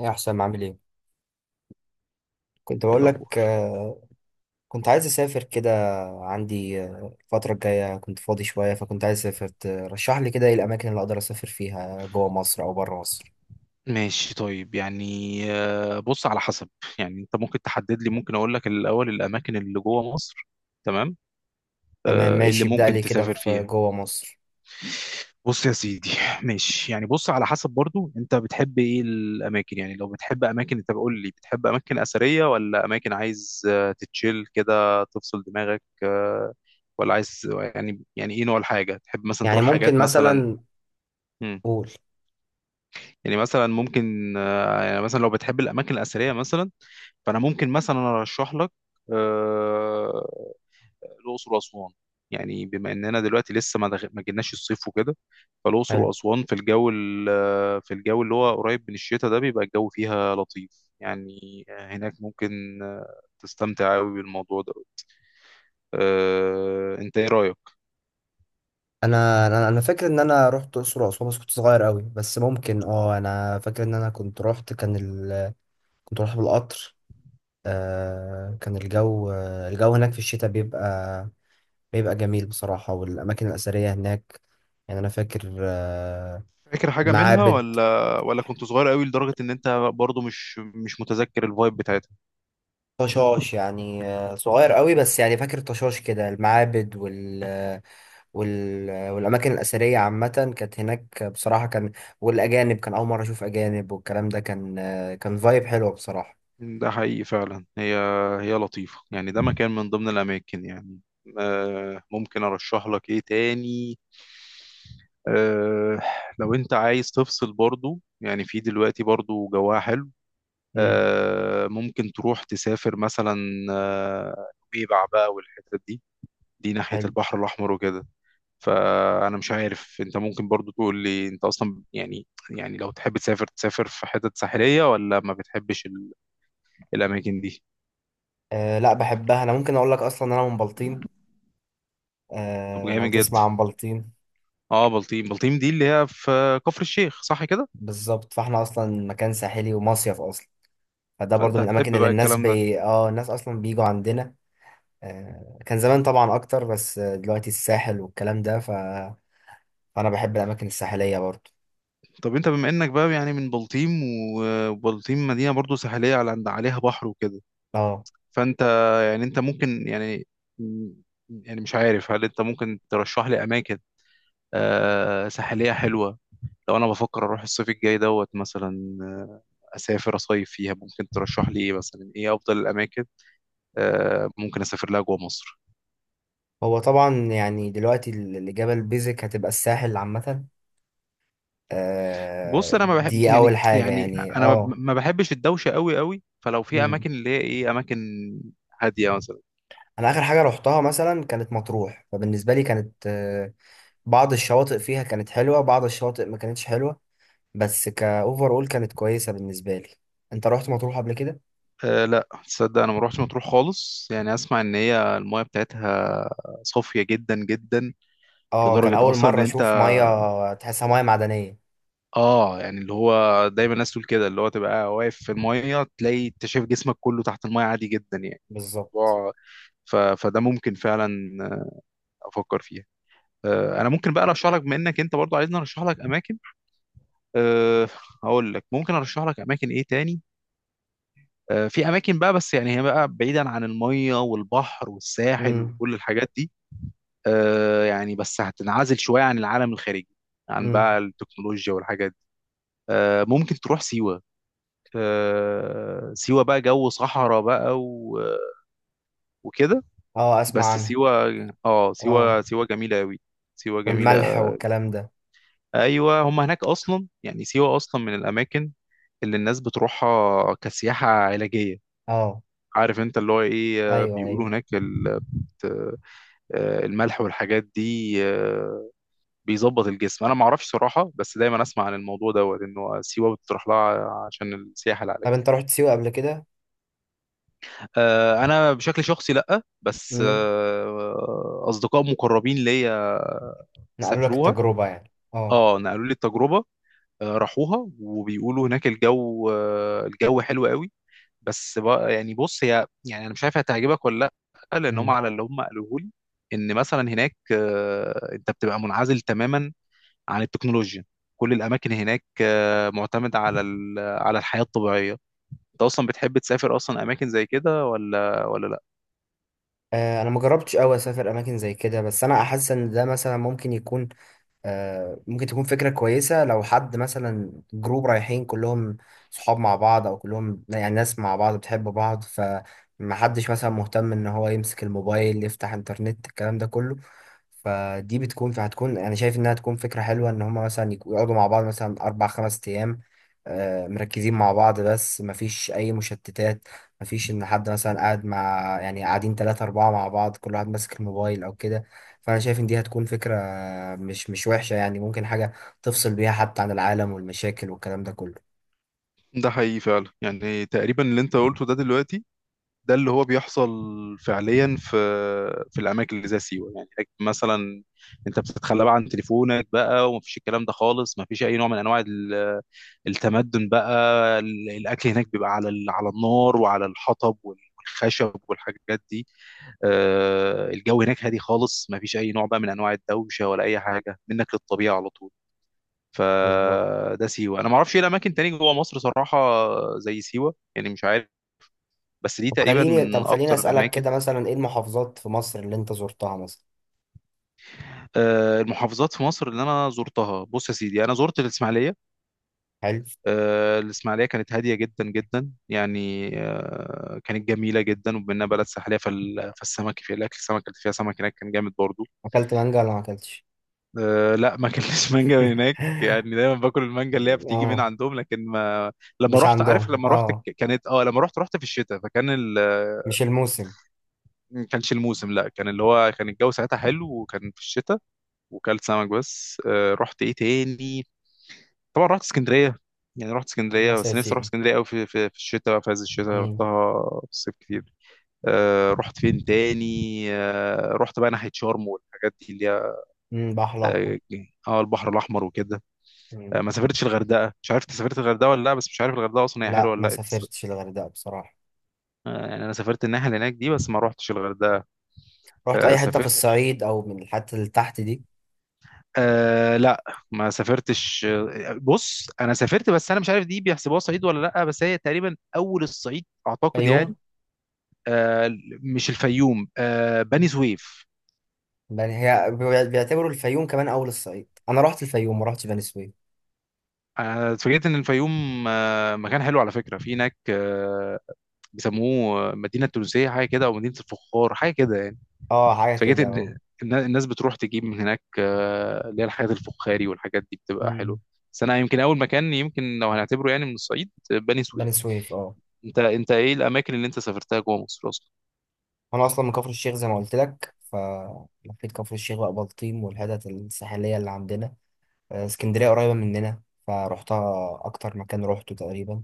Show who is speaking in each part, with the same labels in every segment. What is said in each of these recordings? Speaker 1: يا حسام، عامل ايه؟ كنت
Speaker 2: ايه
Speaker 1: بقول لك،
Speaker 2: الاخبار؟
Speaker 1: كنت عايز اسافر كده. عندي، الفتره الجايه كنت فاضي شويه، فكنت عايز اسافر. ترشح لي كده ايه الاماكن اللي اقدر اسافر فيها جوه مصر او بره مصر؟
Speaker 2: ماشي، طيب، يعني بص على حسب. يعني انت ممكن تحدد لي، ممكن اقول لك الاول الاماكن اللي جوه مصر. تمام.
Speaker 1: تمام
Speaker 2: إيه اللي
Speaker 1: ماشي، ابدا
Speaker 2: ممكن
Speaker 1: لي كده
Speaker 2: تسافر
Speaker 1: في
Speaker 2: فيها؟
Speaker 1: جوه مصر.
Speaker 2: بص يا سيدي. ماشي، يعني بص على حسب برضو، انت بتحب ايه الاماكن؟ يعني لو بتحب اماكن، انت بقول لي بتحب اماكن اثريه، ولا اماكن عايز تتشيل كده، تفصل دماغك، ولا عايز؟ يعني ايه نوع الحاجه تحب، مثلا
Speaker 1: يعني
Speaker 2: تروح
Speaker 1: ممكن
Speaker 2: حاجات مثلا.
Speaker 1: مثلا. قول.
Speaker 2: يعني مثلا ممكن يعني مثلا لو بتحب الاماكن الاثريه مثلا، فانا ممكن مثلا ارشح لك آه، الاقصر واسوان. يعني بما اننا دلوقتي لسه ما جيناش الصيف وكده، فالاقصر
Speaker 1: حلو.
Speaker 2: واسوان في في الجو اللي هو قريب من الشتاء ده، بيبقى الجو فيها لطيف. يعني هناك ممكن تستمتع قوي بالموضوع ده. انت ايه رايك؟
Speaker 1: انا انا أنا فاكر ان انا رحت الاقصر واسوان، بس كنت صغير قوي. بس ممكن اه، انا فاكر ان انا كنت رحت بالقطر. آه، كان الجو، الجو هناك في الشتاء بيبقى جميل بصراحة، والأماكن الأثرية هناك يعني أنا فاكر.
Speaker 2: فاكر حاجه منها؟
Speaker 1: المعابد.
Speaker 2: ولا كنت صغير قوي لدرجه ان انت برضو مش متذكر الفايب بتاعتها؟
Speaker 1: طشاش يعني، صغير قوي، بس يعني فاكر طشاش كده المعابد وال والأماكن الأثرية عامة كانت هناك بصراحة. كان والأجانب كان أول مرة أشوف أجانب، والكلام ده كان فايب حلوة بصراحة.
Speaker 2: ده حقيقي فعلا. هي لطيفة يعني، ده مكان من ضمن الأماكن يعني. ممكن أرشح لك إيه تاني؟ آه، لو أنت عايز تفصل برضو، يعني في دلوقتي برضو جواها حلو.
Speaker 1: امم.
Speaker 2: ممكن تروح تسافر مثلا آه، نويبع بقى والحتت دي، دي ناحية
Speaker 1: حلو.
Speaker 2: البحر الأحمر وكده. فأنا مش عارف، أنت ممكن برضو تقول لي أنت أصلا، يعني لو تحب تسافر، تسافر في حتت ساحلية ولا ما بتحبش الأماكن دي؟
Speaker 1: أه لا، بحبها. أنا ممكن أقول لك، أصلا أنا من بلطيم.
Speaker 2: طب
Speaker 1: أه، لو
Speaker 2: جامد جدا.
Speaker 1: تسمع عن بلطيم.
Speaker 2: اه، بلطيم. بلطيم دي اللي هي في كفر الشيخ، صح كده؟
Speaker 1: بالظبط، فاحنا أصلا مكان ساحلي ومصيف أصلا، فده برضو
Speaker 2: فانت
Speaker 1: من الأماكن
Speaker 2: هتحب
Speaker 1: اللي
Speaker 2: بقى
Speaker 1: الناس
Speaker 2: الكلام ده.
Speaker 1: بي... اه الناس أصلا بيجوا عندنا. كان زمان طبعا أكتر، بس دلوقتي الساحل والكلام ده، فأنا بحب الأماكن الساحلية برضو.
Speaker 2: طب انت، بما انك بقى يعني من بلطيم، وبلطيم مدينة برضو ساحلية، على عليها بحر وكده.
Speaker 1: اه.
Speaker 2: فانت، يعني انت ممكن يعني، مش عارف، هل انت ممكن ترشح لي اماكن آه ساحلية حلوة؟ لو انا بفكر اروح الصيف الجاي دوت مثلا، اسافر اصيف فيها، ممكن ترشح لي ايه مثلا، ايه افضل الاماكن آه ممكن اسافر لها جوه مصر؟
Speaker 1: هو طبعا يعني دلوقتي اللي جبل بيزك هتبقى الساحل عامة.
Speaker 2: بص، انا ما بحب،
Speaker 1: دي أول
Speaker 2: يعني
Speaker 1: حاجة يعني.
Speaker 2: انا ما
Speaker 1: اه.
Speaker 2: ما بحبش الدوشه قوي قوي، فلو في
Speaker 1: مم.
Speaker 2: اماكن اللي هي ايه اماكن هاديه مثلا.
Speaker 1: أنا آخر حاجة روحتها مثلا كانت مطروح، فبالنسبة لي كانت، بعض الشواطئ فيها كانت حلوة، بعض الشواطئ ما كانتش حلوة، بس كأوفر أول كانت كويسة بالنسبة لي. أنت روحت مطروح قبل كده؟
Speaker 2: أه لا تصدق، انا ما روحتش مطروح خالص، يعني اسمع ان هي المايه بتاعتها صافيه جدا جدا.
Speaker 1: اه، كان
Speaker 2: لدرجه
Speaker 1: اول
Speaker 2: اصلا ان
Speaker 1: مره
Speaker 2: انت،
Speaker 1: اشوف ميه تحسها ميه معدنيه.
Speaker 2: اه، يعني اللي هو دايما الناس تقول كده، اللي هو تبقى واقف في المايه، تلاقي انت شايف جسمك كله تحت المايه عادي جدا، يعني
Speaker 1: بالظبط.
Speaker 2: الموضوع. فده ممكن فعلا افكر فيها. أه انا ممكن بقى ارشح لك، بما انك انت برضو عايزني ارشح لك اماكن. أه هقول لك، ممكن ارشح لك اماكن ايه تاني. أه في اماكن بقى، بس يعني هي بقى بعيدا عن الميه والبحر والساحل
Speaker 1: امم.
Speaker 2: وكل الحاجات دي. أه يعني، بس هتنعزل شويه عن العالم الخارجي، عن بقى
Speaker 1: امم.
Speaker 2: التكنولوجيا والحاجات دي. أه ممكن تروح سيوه. أه سيوه بقى جو صحراء بقى وكده.
Speaker 1: اه، اسمع
Speaker 2: بس
Speaker 1: عنها.
Speaker 2: سيوه، اه،
Speaker 1: اه،
Speaker 2: سيوه جميله قوي. سيوه جميله.
Speaker 1: والملح والكلام ده.
Speaker 2: ايوه، هم هناك اصلا يعني، سيوه اصلا من الاماكن اللي الناس بتروحها كسياحه علاجيه.
Speaker 1: اه.
Speaker 2: عارف انت اللي هو ايه؟
Speaker 1: ايوه
Speaker 2: بيقولوا
Speaker 1: ايوه.
Speaker 2: هناك الملح والحاجات دي بيظبط الجسم. انا ما اعرفش صراحه، بس دايما اسمع عن الموضوع دوت انه سيوه بتروح لها عشان السياحه
Speaker 1: طب
Speaker 2: العلاجيه.
Speaker 1: انت رحت سيوه قبل كده؟
Speaker 2: انا بشكل شخصي لا، بس
Speaker 1: امم.
Speaker 2: اصدقاء مقربين ليا
Speaker 1: نقلوا لك
Speaker 2: سافروها.
Speaker 1: التجربه يعني، اه.
Speaker 2: اه نقلوا لي التجربه. راحوها وبيقولوا هناك الجو الجو حلو قوي. بس بقى يعني، بص هي يعني انا مش عارف هتعجبك ولا لا، لان هم
Speaker 1: امم.
Speaker 2: على اللي هم قالوه لي، ان مثلا هناك انت بتبقى منعزل تماما عن التكنولوجيا. كل الاماكن هناك معتمده على على الحياه الطبيعيه. انت اصلا بتحب تسافر اصلا اماكن زي كده ولا لا؟
Speaker 1: انا ما جربتش قوي اسافر اماكن زي كده، بس انا احس ان ده مثلا ممكن يكون، ممكن تكون فكرة كويسة لو حد مثلا جروب رايحين كلهم، صحاب مع بعض، أو كلهم يعني ناس مع بعض بتحب بعض، فمحدش مثلا مهتم إن هو يمسك الموبايل يفتح إنترنت الكلام ده كله. فدي هتكون، أنا شايف إنها تكون فكرة حلوة إن هما مثلا يقعدوا مع بعض مثلا أربع خمس أيام، مركزين مع بعض بس مفيش أي مشتتات. مفيش إن حد مثلا قاعد مع يعني قاعدين تلاتة أربعة مع بعض، كل واحد ماسك الموبايل أو كده. فانا شايف ان دي هتكون فكرة مش وحشة، يعني ممكن حاجة تفصل بيها حتى عن العالم والمشاكل والكلام ده كله.
Speaker 2: ده حقيقي فعلا، يعني تقريبا اللي انت قلته ده دلوقتي ده اللي هو بيحصل فعليا في الاماكن اللي زي سيوه. يعني هناك مثلا، انت بتتخلى بقى عن تليفونك بقى، ومفيش الكلام ده خالص، مفيش اي نوع من انواع التمدن بقى. الاكل هناك بيبقى على على النار، وعلى الحطب والخشب والحاجات دي. الجو هناك هادي خالص، ما فيش اي نوع بقى من انواع الدوشه، ولا اي حاجه منك للطبيعه على طول.
Speaker 1: بالظبط.
Speaker 2: فده سيوه. انا ما اعرفش ايه الاماكن تاني جوه مصر صراحه زي سيوه، يعني مش عارف، بس دي
Speaker 1: طب
Speaker 2: تقريبا
Speaker 1: خليني طب
Speaker 2: من
Speaker 1: خليني
Speaker 2: اكتر
Speaker 1: اسألك
Speaker 2: الاماكن.
Speaker 1: كده مثلا ايه المحافظات في مصر اللي انت زرتها مثلا؟
Speaker 2: المحافظات في مصر اللي انا زرتها، بص يا سيدي، انا زرت الاسماعيليه.
Speaker 1: حلو.
Speaker 2: الإسماعيلية كانت هادية جدا جدا يعني، كانت جميلة جدا، وبما إنها بلد ساحلية فالسمك في الأكل، السمك اللي فيها، سمك هناك كان جامد برضو.
Speaker 1: اكلت مانجا ولا ما اكلتش؟
Speaker 2: لا، ما كانش مانجا من هناك، يعني دايما باكل المانجا اللي هي بتيجي من
Speaker 1: اه.
Speaker 2: عندهم، لكن ما. لما
Speaker 1: مش
Speaker 2: رحت، عارف،
Speaker 1: عندهم،
Speaker 2: لما رحت
Speaker 1: اه،
Speaker 2: كانت، اه، لما رحت، رحت في الشتاء، فكان
Speaker 1: مش الموسم.
Speaker 2: ما كانش الموسم، لا، كان اللي هو كان الجو ساعتها حلو، وكان في الشتاء، وكلت سمك. بس رحت ايه تاني؟ طبعا رحت اسكندريه، يعني رحت اسكندريه،
Speaker 1: بس يا
Speaker 2: بس نفسي اروح
Speaker 1: سيدي.
Speaker 2: اسكندريه قوي في في الشتاء بقى، في عز الشتاء.
Speaker 1: امم.
Speaker 2: رحتها في الصيف كتير. آه رحت فين تاني؟ آه رحت بقى ناحيه شرم والحاجات دي اللي هي،
Speaker 1: امم، بحر الاحمر.
Speaker 2: اه، البحر الاحمر وكده.
Speaker 1: مم.
Speaker 2: آه ما سافرتش الغردقه، مش عارف انت سافرت الغردقه ولا لا، بس مش عارف الغردقه اصلا هي حلوه
Speaker 1: لا،
Speaker 2: ولا
Speaker 1: ما
Speaker 2: لا. انت
Speaker 1: سافرتش الغردقة بصراحة.
Speaker 2: آه يعني انا سافرت الناحيه اللي هناك دي، بس ما روحتش الغردقه.
Speaker 1: رحت
Speaker 2: آه
Speaker 1: اي حتة في
Speaker 2: سافرت،
Speaker 1: الصعيد او من الحتة اللي تحت دي؟
Speaker 2: آه لا ما سافرتش، بص انا سافرت، بس انا مش عارف دي بيحسبوها صعيد ولا لا، بس هي تقريبا اول الصعيد اعتقد
Speaker 1: فيوم.
Speaker 2: يعني. آه، مش الفيوم، آه بني سويف.
Speaker 1: يعني هي بيعتبروا الفيوم كمان اول الصعيد، انا رحت الفيوم ما رحتش بني سويف.
Speaker 2: اتفاجئت ان الفيوم آه مكان حلو على فكره، في هناك آه بيسموه مدينه تونسيه حاجه كده، او مدينه الفخار حاجه كده يعني.
Speaker 1: اه، حاجه
Speaker 2: اتفاجئت
Speaker 1: كده، اه.
Speaker 2: ان، إن الناس بتروح تجيب من هناك اللي هي الحاجات الفخاري والحاجات دي بتبقى حلوه.
Speaker 1: امم.
Speaker 2: بس انا يمكن اول مكان، يمكن لو هنعتبره يعني من الصعيد، بني سويف.
Speaker 1: بني سويف، اه.
Speaker 2: انت ايه الاماكن اللي انت سافرتها جوه مصر اصلا؟
Speaker 1: انا اصلا من كفر الشيخ زي ما قلت لك، فلفيت كفر الشيخ بقى، بلطيم والحتت الساحليه اللي عندنا. اسكندريه قريبه مننا، فروحتها اكتر مكان روحته تقريبا.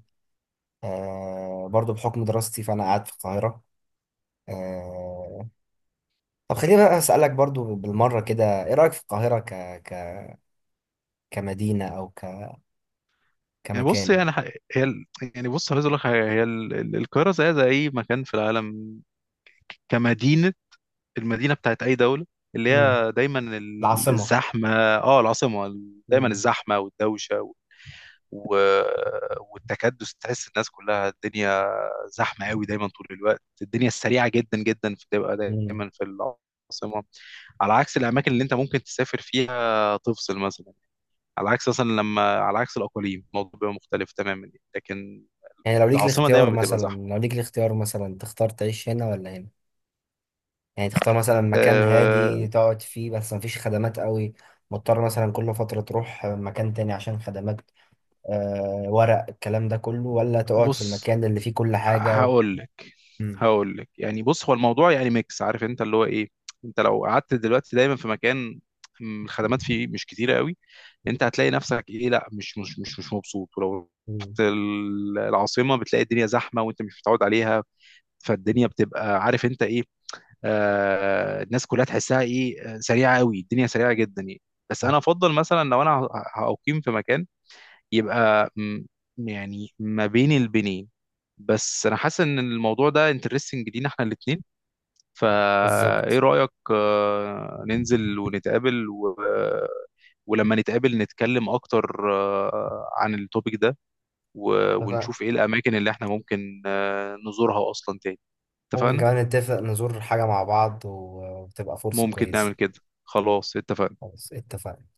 Speaker 1: برضو بحكم دراستي فانا قاعد في القاهره. آه طب خليني بقى اسالك برضو بالمره كده ايه رايك في القاهره ك... كمدينه، او
Speaker 2: يعني بص،
Speaker 1: كمكان؟
Speaker 2: يعني هي ال- يعني بص، عايز اقول لك حاجة، القاهره زي اي مكان في العالم كمدينه. المدينة بتاعت أي دولة اللي
Speaker 1: امم.
Speaker 2: هي دايما
Speaker 1: العاصمه.
Speaker 2: الزحمة. اه العاصمة دايما الزحمة والدوشة و- والتكدس، تحس الناس كلها، الدنيا زحمة قوي دايما طول الوقت، الدنيا السريعة جدا جدا بتبقى
Speaker 1: امم.
Speaker 2: دايما في العاصمة. على عكس الأماكن اللي أنت ممكن تسافر فيها تفصل مثلا، على عكس مثلا لما، على عكس الأقاليم، الموضوع بيبقى مختلف تماما. لكن
Speaker 1: يعني لو ليك
Speaker 2: العاصمة
Speaker 1: الاختيار
Speaker 2: دايما بتبقى
Speaker 1: مثلا
Speaker 2: زحمة.
Speaker 1: لو ليك الاختيار مثلا تختار تعيش هنا ولا هنا؟ يعني تختار مثلا مكان
Speaker 2: أه
Speaker 1: هادي تقعد فيه بس مفيش خدمات قوي، مضطر مثلا كل فترة تروح مكان تاني عشان خدمات، ورق الكلام ده كله؟ ولا تقعد في
Speaker 2: بص
Speaker 1: المكان اللي فيه كل حاجة.
Speaker 2: هقول لك،
Speaker 1: مم.
Speaker 2: يعني بص، هو الموضوع يعني ميكس، عارف انت اللي هو ايه؟ انت لو قعدت دلوقتي دايما في مكان، الخدمات فيه مش كتيره قوي، انت هتلاقي نفسك ايه، لا، مش مبسوط. ولو
Speaker 1: مم.
Speaker 2: رحت العاصمه، بتلاقي الدنيا زحمه وانت مش متعود عليها، فالدنيا بتبقى عارف انت ايه. آه الناس كلها تحسها ايه، سريعه قوي، الدنيا سريعه جدا يعني. بس
Speaker 1: آه،
Speaker 2: انا افضل مثلا لو انا هاقيم في مكان يبقى يعني ما بين البنين. بس انا حاسس ان الموضوع ده انترستنج لينا احنا الاتنين، فايه
Speaker 1: بالظبط.
Speaker 2: رأيك ننزل ونتقابل ولما نتقابل نتكلم اكتر عن التوبيك ده،
Speaker 1: اتفق.
Speaker 2: ونشوف ايه الاماكن اللي احنا ممكن نزورها اصلا تاني؟
Speaker 1: ممكن
Speaker 2: اتفقنا.
Speaker 1: كمان نتفق نزور حاجة مع بعض، و- وتبقى فرصة
Speaker 2: ممكن
Speaker 1: كويسة.
Speaker 2: نعمل كده. خلاص اتفقنا.
Speaker 1: خلاص اتفقنا.